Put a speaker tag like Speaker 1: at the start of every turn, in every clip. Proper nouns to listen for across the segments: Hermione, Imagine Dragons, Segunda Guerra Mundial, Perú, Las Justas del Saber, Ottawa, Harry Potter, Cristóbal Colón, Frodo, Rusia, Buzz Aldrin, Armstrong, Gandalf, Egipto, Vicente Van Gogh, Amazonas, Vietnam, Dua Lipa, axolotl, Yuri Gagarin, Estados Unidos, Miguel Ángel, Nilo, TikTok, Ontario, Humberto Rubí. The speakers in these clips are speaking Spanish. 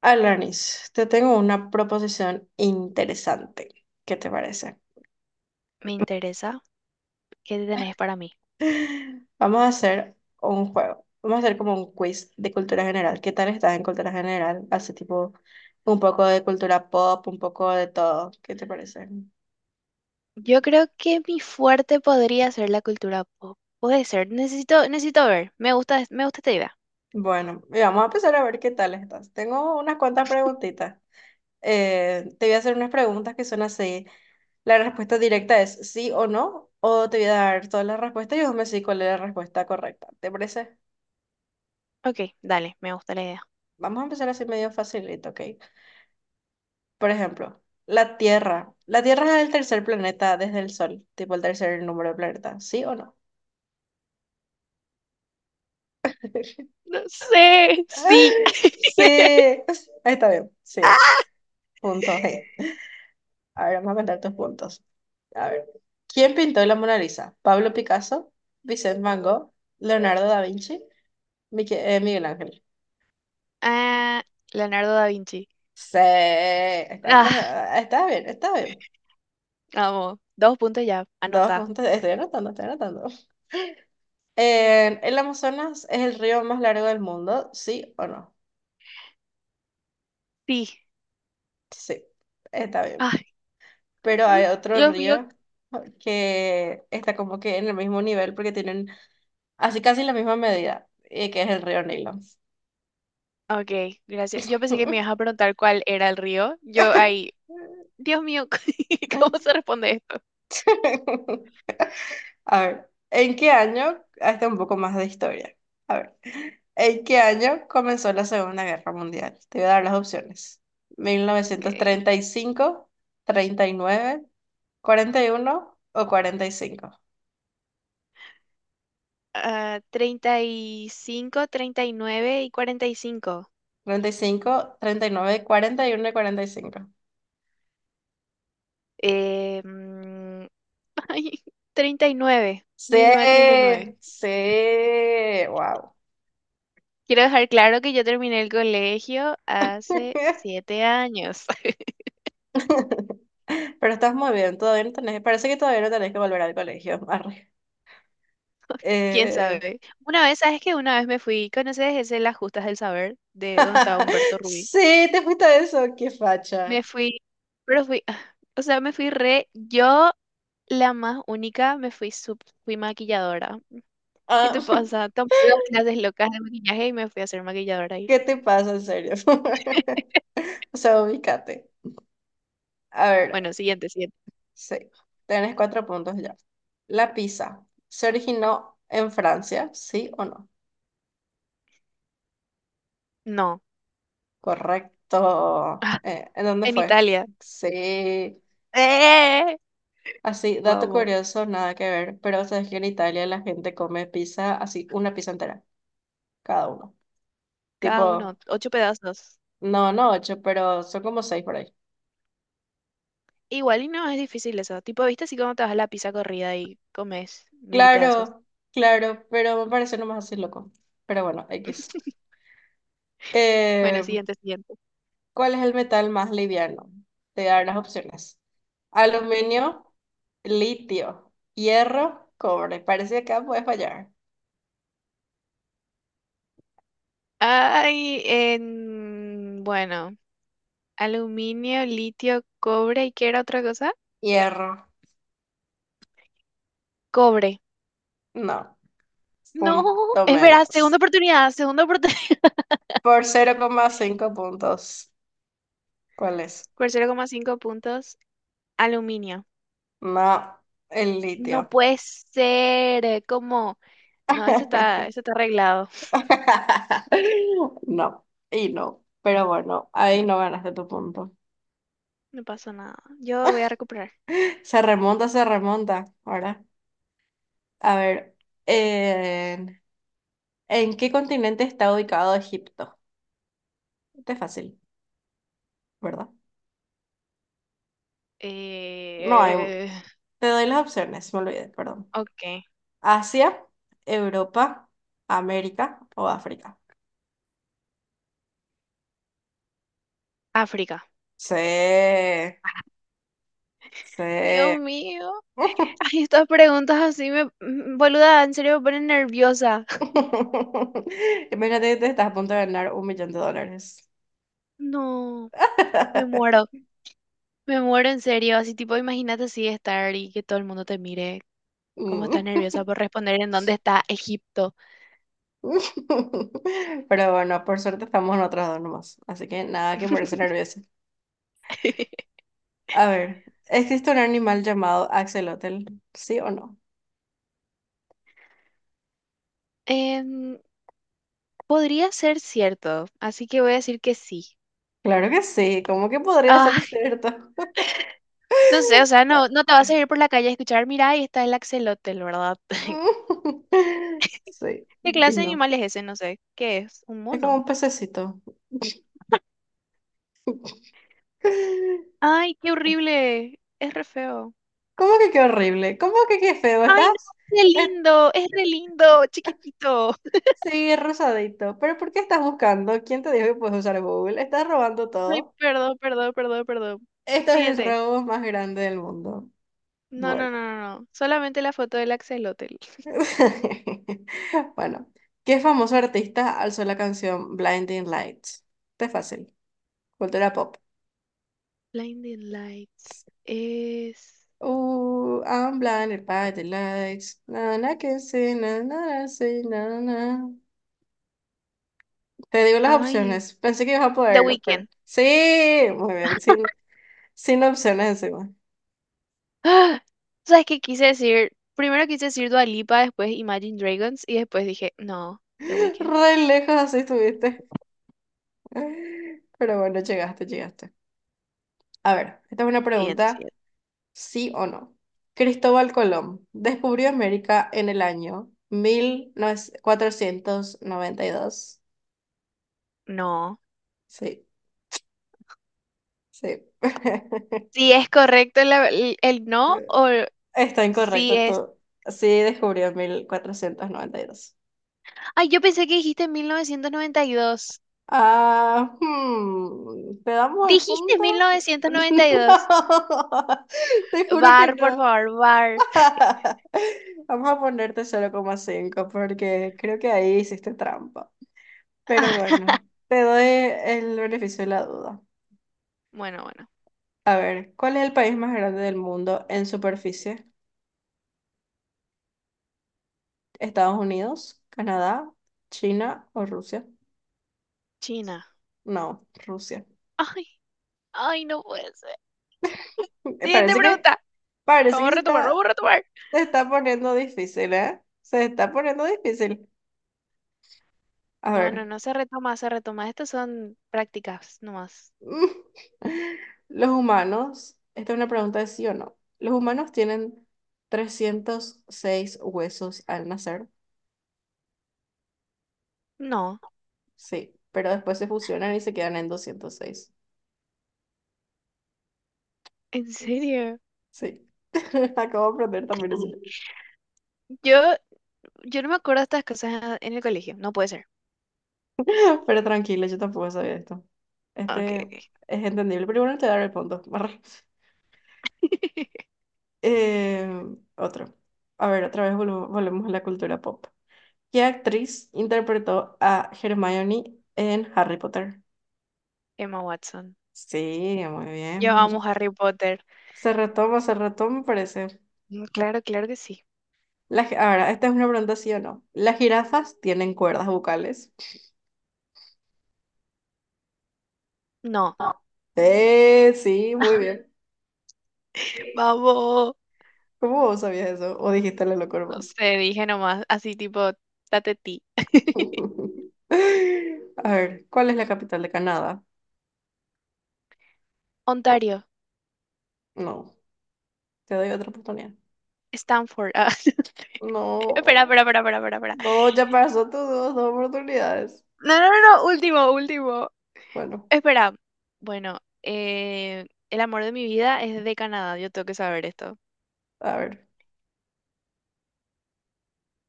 Speaker 1: Alanis, te tengo una proposición interesante. ¿Qué te parece?
Speaker 2: Me interesa. ¿Qué tenés para mí?
Speaker 1: Vamos a hacer un juego. Vamos a hacer como un quiz de cultura general. ¿Qué tal estás en cultura general? Hace tipo un poco de cultura pop, un poco de todo. ¿Qué te parece?
Speaker 2: Yo creo que mi fuerte podría ser la cultura pop. Puede ser. Necesito ver. Me gusta esta idea.
Speaker 1: Bueno, y vamos a empezar a ver qué tal estás. Tengo unas cuantas preguntitas. Te voy a hacer unas preguntas que son así. La respuesta directa es sí o no, o te voy a dar todas las respuestas y vos me decís cuál es la respuesta correcta. ¿Te parece?
Speaker 2: Ok, dale, me gusta la idea.
Speaker 1: Vamos a empezar así medio facilito, ¿ok? Por ejemplo, la Tierra. La Tierra es el tercer planeta desde el Sol, tipo el tercer número de planeta. ¿Sí o no?
Speaker 2: No sé. Sí.
Speaker 1: Sí, ahí está bien. Sí, es. Punto G. A ver, vamos a contar tus puntos. A ver. ¿Quién pintó la Mona Lisa? ¿Pablo Picasso? ¿Vicente Van Gogh? ¿Leonardo da Vinci? Miguel Ángel.
Speaker 2: Ah, Leonardo da Vinci.
Speaker 1: Sí,
Speaker 2: Ah,
Speaker 1: está bien, está bien.
Speaker 2: vamos. Dos puntos ya.
Speaker 1: Dos
Speaker 2: Anota.
Speaker 1: puntos, estoy anotando, estoy anotando. ¿El Amazonas es el río más largo del mundo? ¿Sí o no?
Speaker 2: Sí.
Speaker 1: Sí, está bien.
Speaker 2: Ay,
Speaker 1: Pero hay otro
Speaker 2: Dios mío.
Speaker 1: río que está como que en el mismo nivel porque tienen así casi la misma medida, que es el río Nilo.
Speaker 2: Ok, gracias. Yo pensé que me ibas a preguntar cuál era el río. Yo ahí. Dios mío, ¿cómo se responde esto?
Speaker 1: A ver, ¿en qué año? Ah, está un poco más de historia. A ver. ¿En qué año comenzó la Segunda Guerra Mundial? Te voy a dar las opciones. Mil novecientos
Speaker 2: Ok.
Speaker 1: treinta y cinco, treinta y nueve, cuarenta y uno o cuarenta y cinco.
Speaker 2: Ah, treinta y cinco, treinta y 45.
Speaker 1: Treinta y cinco, treinta y uno y nueve, cuarenta uno cinco.
Speaker 2: Eh, mm, ay, treinta y nueve,
Speaker 1: Sí,
Speaker 2: 1939.
Speaker 1: sí, wow.
Speaker 2: Quiero dejar claro que yo terminé el colegio hace 7 años.
Speaker 1: Pero estás muy bien, todavía no tenés, parece que todavía no tenés que volver al colegio. Arre.
Speaker 2: ¿Quién
Speaker 1: Eh,
Speaker 2: sabe? Una vez, ¿sabes qué? Una vez me fui, ¿conoces ese Las Justas del Saber? De donde estaba Humberto Rubí.
Speaker 1: Sí, te fuiste a eso, qué facha.
Speaker 2: Me fui, pero fui, o sea, me fui re, yo la más única, me fui, fui maquilladora. ¿Qué
Speaker 1: Ah,
Speaker 2: te pasa? Tomé dos clases locas de maquillaje y me fui a hacer maquilladora ahí.
Speaker 1: ¿qué te pasa, en serio? O sea, ubícate. A ver,
Speaker 2: Bueno, siguiente, siguiente.
Speaker 1: sí, tenés 4 puntos ya. La pizza, ¿se originó en Francia? ¿Sí o no?
Speaker 2: No.
Speaker 1: Correcto. ¿En dónde
Speaker 2: En
Speaker 1: fue?
Speaker 2: Italia.
Speaker 1: Sí.
Speaker 2: ¡Eh!
Speaker 1: Así, dato
Speaker 2: Vamos.
Speaker 1: curioso, nada que ver, pero sabes que en Italia la gente come pizza así, una pizza entera, cada uno.
Speaker 2: Cada uno,
Speaker 1: Tipo,
Speaker 2: ocho pedazos.
Speaker 1: no, no ocho, pero son como seis por ahí.
Speaker 2: Igual y no es difícil eso. Tipo, ¿viste así como te vas a la pizza corrida y comes mil pedazos?
Speaker 1: Claro, claro, pero me parece nomás así loco. Pero bueno, X.
Speaker 2: Bueno,
Speaker 1: Eh,
Speaker 2: siguiente, siguiente.
Speaker 1: ¿Cuál es el metal más liviano? Te voy a dar las opciones.
Speaker 2: Ok.
Speaker 1: Aluminio, litio, hierro, cobre. Parece que acá puedes fallar.
Speaker 2: Ay, en... Bueno, aluminio, litio, cobre y ¿qué era otra cosa?
Speaker 1: Hierro,
Speaker 2: Cobre.
Speaker 1: no.
Speaker 2: No,
Speaker 1: Punto
Speaker 2: es verdad, segunda
Speaker 1: menos.
Speaker 2: oportunidad, segunda oportunidad.
Speaker 1: Por 0,5 puntos. ¿Cuál es?
Speaker 2: Por 0,5 puntos, aluminio.
Speaker 1: No, el
Speaker 2: No
Speaker 1: litio.
Speaker 2: puede ser, como, no, esto está, esto está arreglado,
Speaker 1: No, y no. Pero bueno, ahí no ganaste tu punto.
Speaker 2: no pasó nada. Yo voy a recuperar.
Speaker 1: Se remonta, se remonta. Ahora, a ver. eh, ¿En qué continente está ubicado Egipto? Este es fácil, ¿verdad? No,
Speaker 2: Eh,
Speaker 1: te doy las opciones, me olvidé, perdón.
Speaker 2: ok,
Speaker 1: Asia, Europa, América o África.
Speaker 2: África.
Speaker 1: Sí, sí.
Speaker 2: Dios mío. Ay, estas preguntas así me, boluda, en serio me ponen nerviosa.
Speaker 1: Imagínate que te estás a punto de ganar un millón de dólares.
Speaker 2: No, me muero, me muero en serio. Así tipo, imagínate así estar y que todo el mundo te mire. ¿Cómo estás
Speaker 1: Mm.
Speaker 2: nerviosa por responder en dónde está Egipto?
Speaker 1: Pero bueno, por suerte estamos nosotros dos nomás, así que nada que ponerse nervioso. A ver, ¿existe un animal llamado axolotl? ¿Sí o no?
Speaker 2: Em, podría ser cierto, así que voy a decir que sí.
Speaker 1: Claro que sí, ¿cómo que podría
Speaker 2: Ah.
Speaker 1: ser cierto?
Speaker 2: No sé, o sea, no, no te vas a ir por la calle a escuchar, mira, ahí está el axolotl, ¿verdad?
Speaker 1: Sí,
Speaker 2: ¿Qué
Speaker 1: y
Speaker 2: clase de
Speaker 1: no.
Speaker 2: animal es ese? No sé. ¿Qué es? ¿Un
Speaker 1: Es como
Speaker 2: mono?
Speaker 1: un pececito. ¿Cómo
Speaker 2: Ay, qué horrible. Es re feo.
Speaker 1: que qué horrible? ¿Cómo que qué feo?
Speaker 2: Ay, no,
Speaker 1: ¿Estás? es-
Speaker 2: es re lindo, chiquitito.
Speaker 1: sí, es rosadito. ¿Pero por qué estás buscando? ¿Quién te dijo que puedes usar Google? Estás robando
Speaker 2: Ay,
Speaker 1: todo.
Speaker 2: perdón, perdón, perdón, perdón.
Speaker 1: Esto es el
Speaker 2: Siguiente.
Speaker 1: robo más grande del mundo.
Speaker 2: No,
Speaker 1: Bueno.
Speaker 2: no, no, no, no. Solamente la foto del axolotl.
Speaker 1: Bueno. ¿Qué famoso artista alzó la canción Blinding Lights? Está fácil. Cultura pop.
Speaker 2: Blinding Lights es...
Speaker 1: Oh, I'm blind, by the lights. Na, na, que sí, na, na, na, sí, na, na. Te digo las
Speaker 2: Ay,
Speaker 1: opciones. Pensé que ibas a
Speaker 2: The
Speaker 1: poderlo, pero.
Speaker 2: Weeknd.
Speaker 1: Sí, muy bien, sin opciones encima.
Speaker 2: ¡Ah! ¿Sabes qué quise decir? Primero quise decir Dua Lipa, después Imagine Dragons y después dije, no, The Weeknd.
Speaker 1: Re lejos así estuviste. Pero bueno, llegaste, llegaste. A ver, esta es una
Speaker 2: Siguiente,
Speaker 1: pregunta,
Speaker 2: siguiente.
Speaker 1: sí o no. Cristóbal Colón descubrió América en el año 1492.
Speaker 2: No.
Speaker 1: Sí, sí.
Speaker 2: Si es correcto el no o
Speaker 1: Está
Speaker 2: si
Speaker 1: incorrecto
Speaker 2: es...
Speaker 1: todo. Sí, descubrió en 1492.
Speaker 2: Ay, yo pensé que dijiste 1992.
Speaker 1: Ah, ¿te damos el
Speaker 2: Dijiste
Speaker 1: punto?
Speaker 2: 1992.
Speaker 1: No, te juro que
Speaker 2: Bar, por
Speaker 1: no.
Speaker 2: favor, bar.
Speaker 1: Vamos a ponerte 0,5 porque creo que ahí hiciste trampa. Pero bueno, te doy el beneficio de la duda.
Speaker 2: Bueno, bueno.
Speaker 1: A ver, ¿cuál es el país más grande del mundo en superficie? ¿Estados Unidos, Canadá, China o Rusia?
Speaker 2: China.
Speaker 1: No, Rusia.
Speaker 2: Ay, ay, no puede ser. Siguiente
Speaker 1: Parece que
Speaker 2: pregunta.
Speaker 1: Parece
Speaker 2: Vamos a
Speaker 1: que
Speaker 2: retomar, vamos a retomar.
Speaker 1: se está poniendo difícil, ¿eh? Se está poniendo difícil. A
Speaker 2: No, no,
Speaker 1: ver,
Speaker 2: no se retoma, se retoma. Estas son prácticas nomás.
Speaker 1: esta es una pregunta de sí o no. ¿Los humanos tienen 306 huesos al nacer?
Speaker 2: No.
Speaker 1: Sí, pero después se fusionan y se quedan en 206.
Speaker 2: ¿En serio?
Speaker 1: Sí, acabo de aprender también eso.
Speaker 2: Yo, yo no me acuerdo de estas cosas en el colegio. No puede ser.
Speaker 1: Pero tranquila, yo tampoco sabía esto. Este
Speaker 2: Ok.
Speaker 1: es entendible, pero bueno, te daré el punto. Eh, otro. A ver, otra vez volvemos a la cultura pop. ¿Qué actriz interpretó a Hermione en Harry Potter?
Speaker 2: Emma Watson.
Speaker 1: Sí, muy bien,
Speaker 2: Yo
Speaker 1: muy bien.
Speaker 2: amo Harry Potter.
Speaker 1: Se retoma, me parece.
Speaker 2: Mm, claro, claro que sí.
Speaker 1: Ahora, esta es una pregunta sí o no. ¿Las jirafas tienen cuerdas vocales?
Speaker 2: No.
Speaker 1: No. Sí, muy bien.
Speaker 2: Vamos.
Speaker 1: ¿Cómo vos sabías eso? ¿O dijiste la locura
Speaker 2: No
Speaker 1: más?
Speaker 2: sé, dije nomás. Así tipo, date ti.
Speaker 1: A ver, ¿cuál es la capital de Canadá?
Speaker 2: Ontario.
Speaker 1: No, te doy otra oportunidad.
Speaker 2: Stanford. Ah, espera,
Speaker 1: No.
Speaker 2: espera, espera, espera, espera, espera.
Speaker 1: No, ya pasó tus dos oportunidades.
Speaker 2: No, no, no, no. Último, último.
Speaker 1: Bueno,
Speaker 2: Espera. Bueno, el amor de mi vida es de Canadá. Yo tengo que saber esto.
Speaker 1: a ver.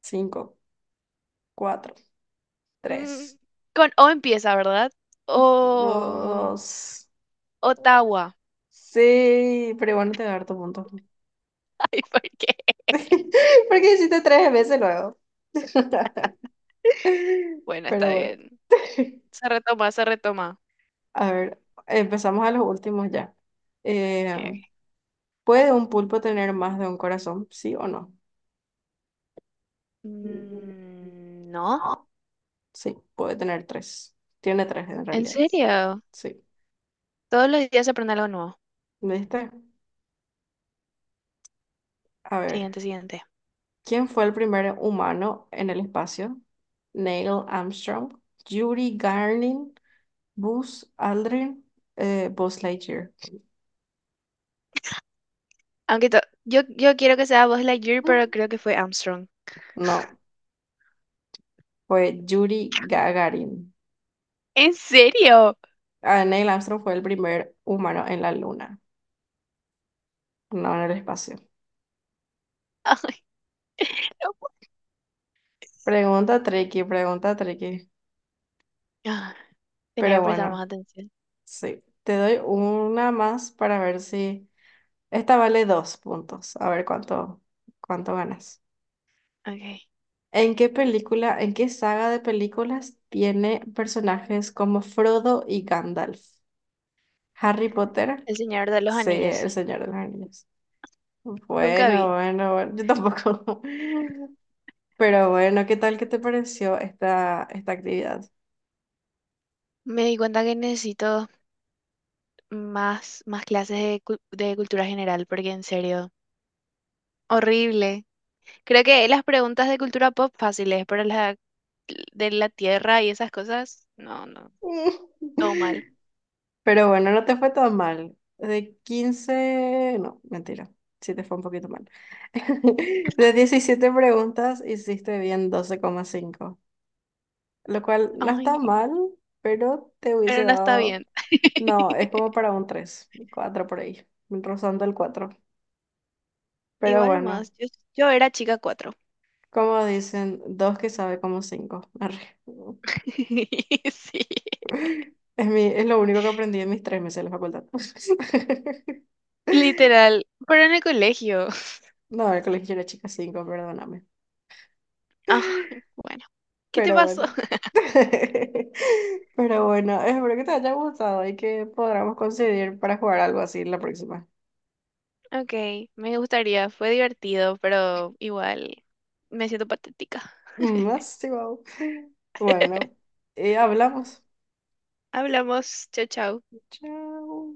Speaker 1: Cinco, cuatro,
Speaker 2: Mm,
Speaker 1: tres,
Speaker 2: con O empieza, ¿verdad? O
Speaker 1: dos.
Speaker 2: Ottawa.
Speaker 1: Sí, pero igual no te voy a dar tu punto.
Speaker 2: Ay, ¿por qué?
Speaker 1: Porque hiciste tres veces luego.
Speaker 2: Bueno,
Speaker 1: Pero
Speaker 2: está
Speaker 1: bueno.
Speaker 2: bien. Se retoma, se retoma.
Speaker 1: A ver, empezamos a los últimos ya. Eh,
Speaker 2: Ok, ok.
Speaker 1: ¿Puede un pulpo tener más de un corazón? ¿Sí o no? Mm.
Speaker 2: Mm, no,
Speaker 1: Sí, puede tener tres. Tiene tres en
Speaker 2: en
Speaker 1: realidad.
Speaker 2: serio.
Speaker 1: Sí.
Speaker 2: Todos los días se aprende algo nuevo.
Speaker 1: ¿Viste? A ver,
Speaker 2: Siguiente, siguiente.
Speaker 1: ¿quién fue el primer humano en el espacio? Neil Armstrong, Yuri Gagarin, Buzz Aldrin, Buzz Lightyear.
Speaker 2: Aunque yo quiero que sea Buzz Lightyear,
Speaker 1: Mm,
Speaker 2: pero creo que fue Armstrong.
Speaker 1: No, fue Yuri Gagarin.
Speaker 2: ¿En serio?
Speaker 1: Ah, Neil Armstrong fue el primer humano en la luna, no en el espacio.
Speaker 2: Ay, no puedo.
Speaker 1: Pregunta tricky, pregunta tricky.
Speaker 2: Ah, tenía
Speaker 1: Pero
Speaker 2: que prestar más
Speaker 1: bueno,
Speaker 2: atención.
Speaker 1: sí. Te doy una más para ver si... Esta vale 2 puntos. A ver cuánto ganas.
Speaker 2: Ok.
Speaker 1: ¿En qué película, en qué saga de películas tiene personajes como Frodo y Gandalf? ¿Harry Potter?
Speaker 2: El Señor de los
Speaker 1: Sí,
Speaker 2: Anillos.
Speaker 1: El Señor de los Anillos.
Speaker 2: Nunca
Speaker 1: Bueno,
Speaker 2: vi.
Speaker 1: bueno, bueno, yo tampoco. Pero bueno, ¿qué tal que te pareció esta, esta actividad?
Speaker 2: Me di cuenta que necesito más clases de cultura general, porque en serio, horrible. Creo que las preguntas de cultura pop fáciles, pero la de la tierra y esas cosas, no, no, todo mal.
Speaker 1: Pero bueno, no te fue tan mal. De 15, no, mentira, sí te fue un poquito mal. De 17 preguntas, hiciste bien 12,5. Lo cual no está
Speaker 2: Ay,
Speaker 1: mal, pero te hubiese
Speaker 2: pero no está
Speaker 1: dado,
Speaker 2: bien.
Speaker 1: no, es como para un 3 4 por ahí, rozando el cuatro. Pero
Speaker 2: Igual
Speaker 1: bueno,
Speaker 2: más, yo era chica cuatro.
Speaker 1: como dicen, dos que sabe como cinco. Arre.
Speaker 2: Sí,
Speaker 1: Es lo único que aprendí en mis 3 meses de la facultad.
Speaker 2: literal, pero en el colegio.
Speaker 1: No, el colegio era chica cinco, perdóname.
Speaker 2: Ah, bueno, ¿qué te
Speaker 1: Pero
Speaker 2: pasó?
Speaker 1: bueno. Pero bueno, espero que te haya gustado y que podamos conseguir para jugar algo así la próxima.
Speaker 2: Ok, me gustaría, fue divertido, pero igual me siento patética.
Speaker 1: Más, Bueno, hablamos.
Speaker 2: Hablamos, chao, chao.
Speaker 1: Chao.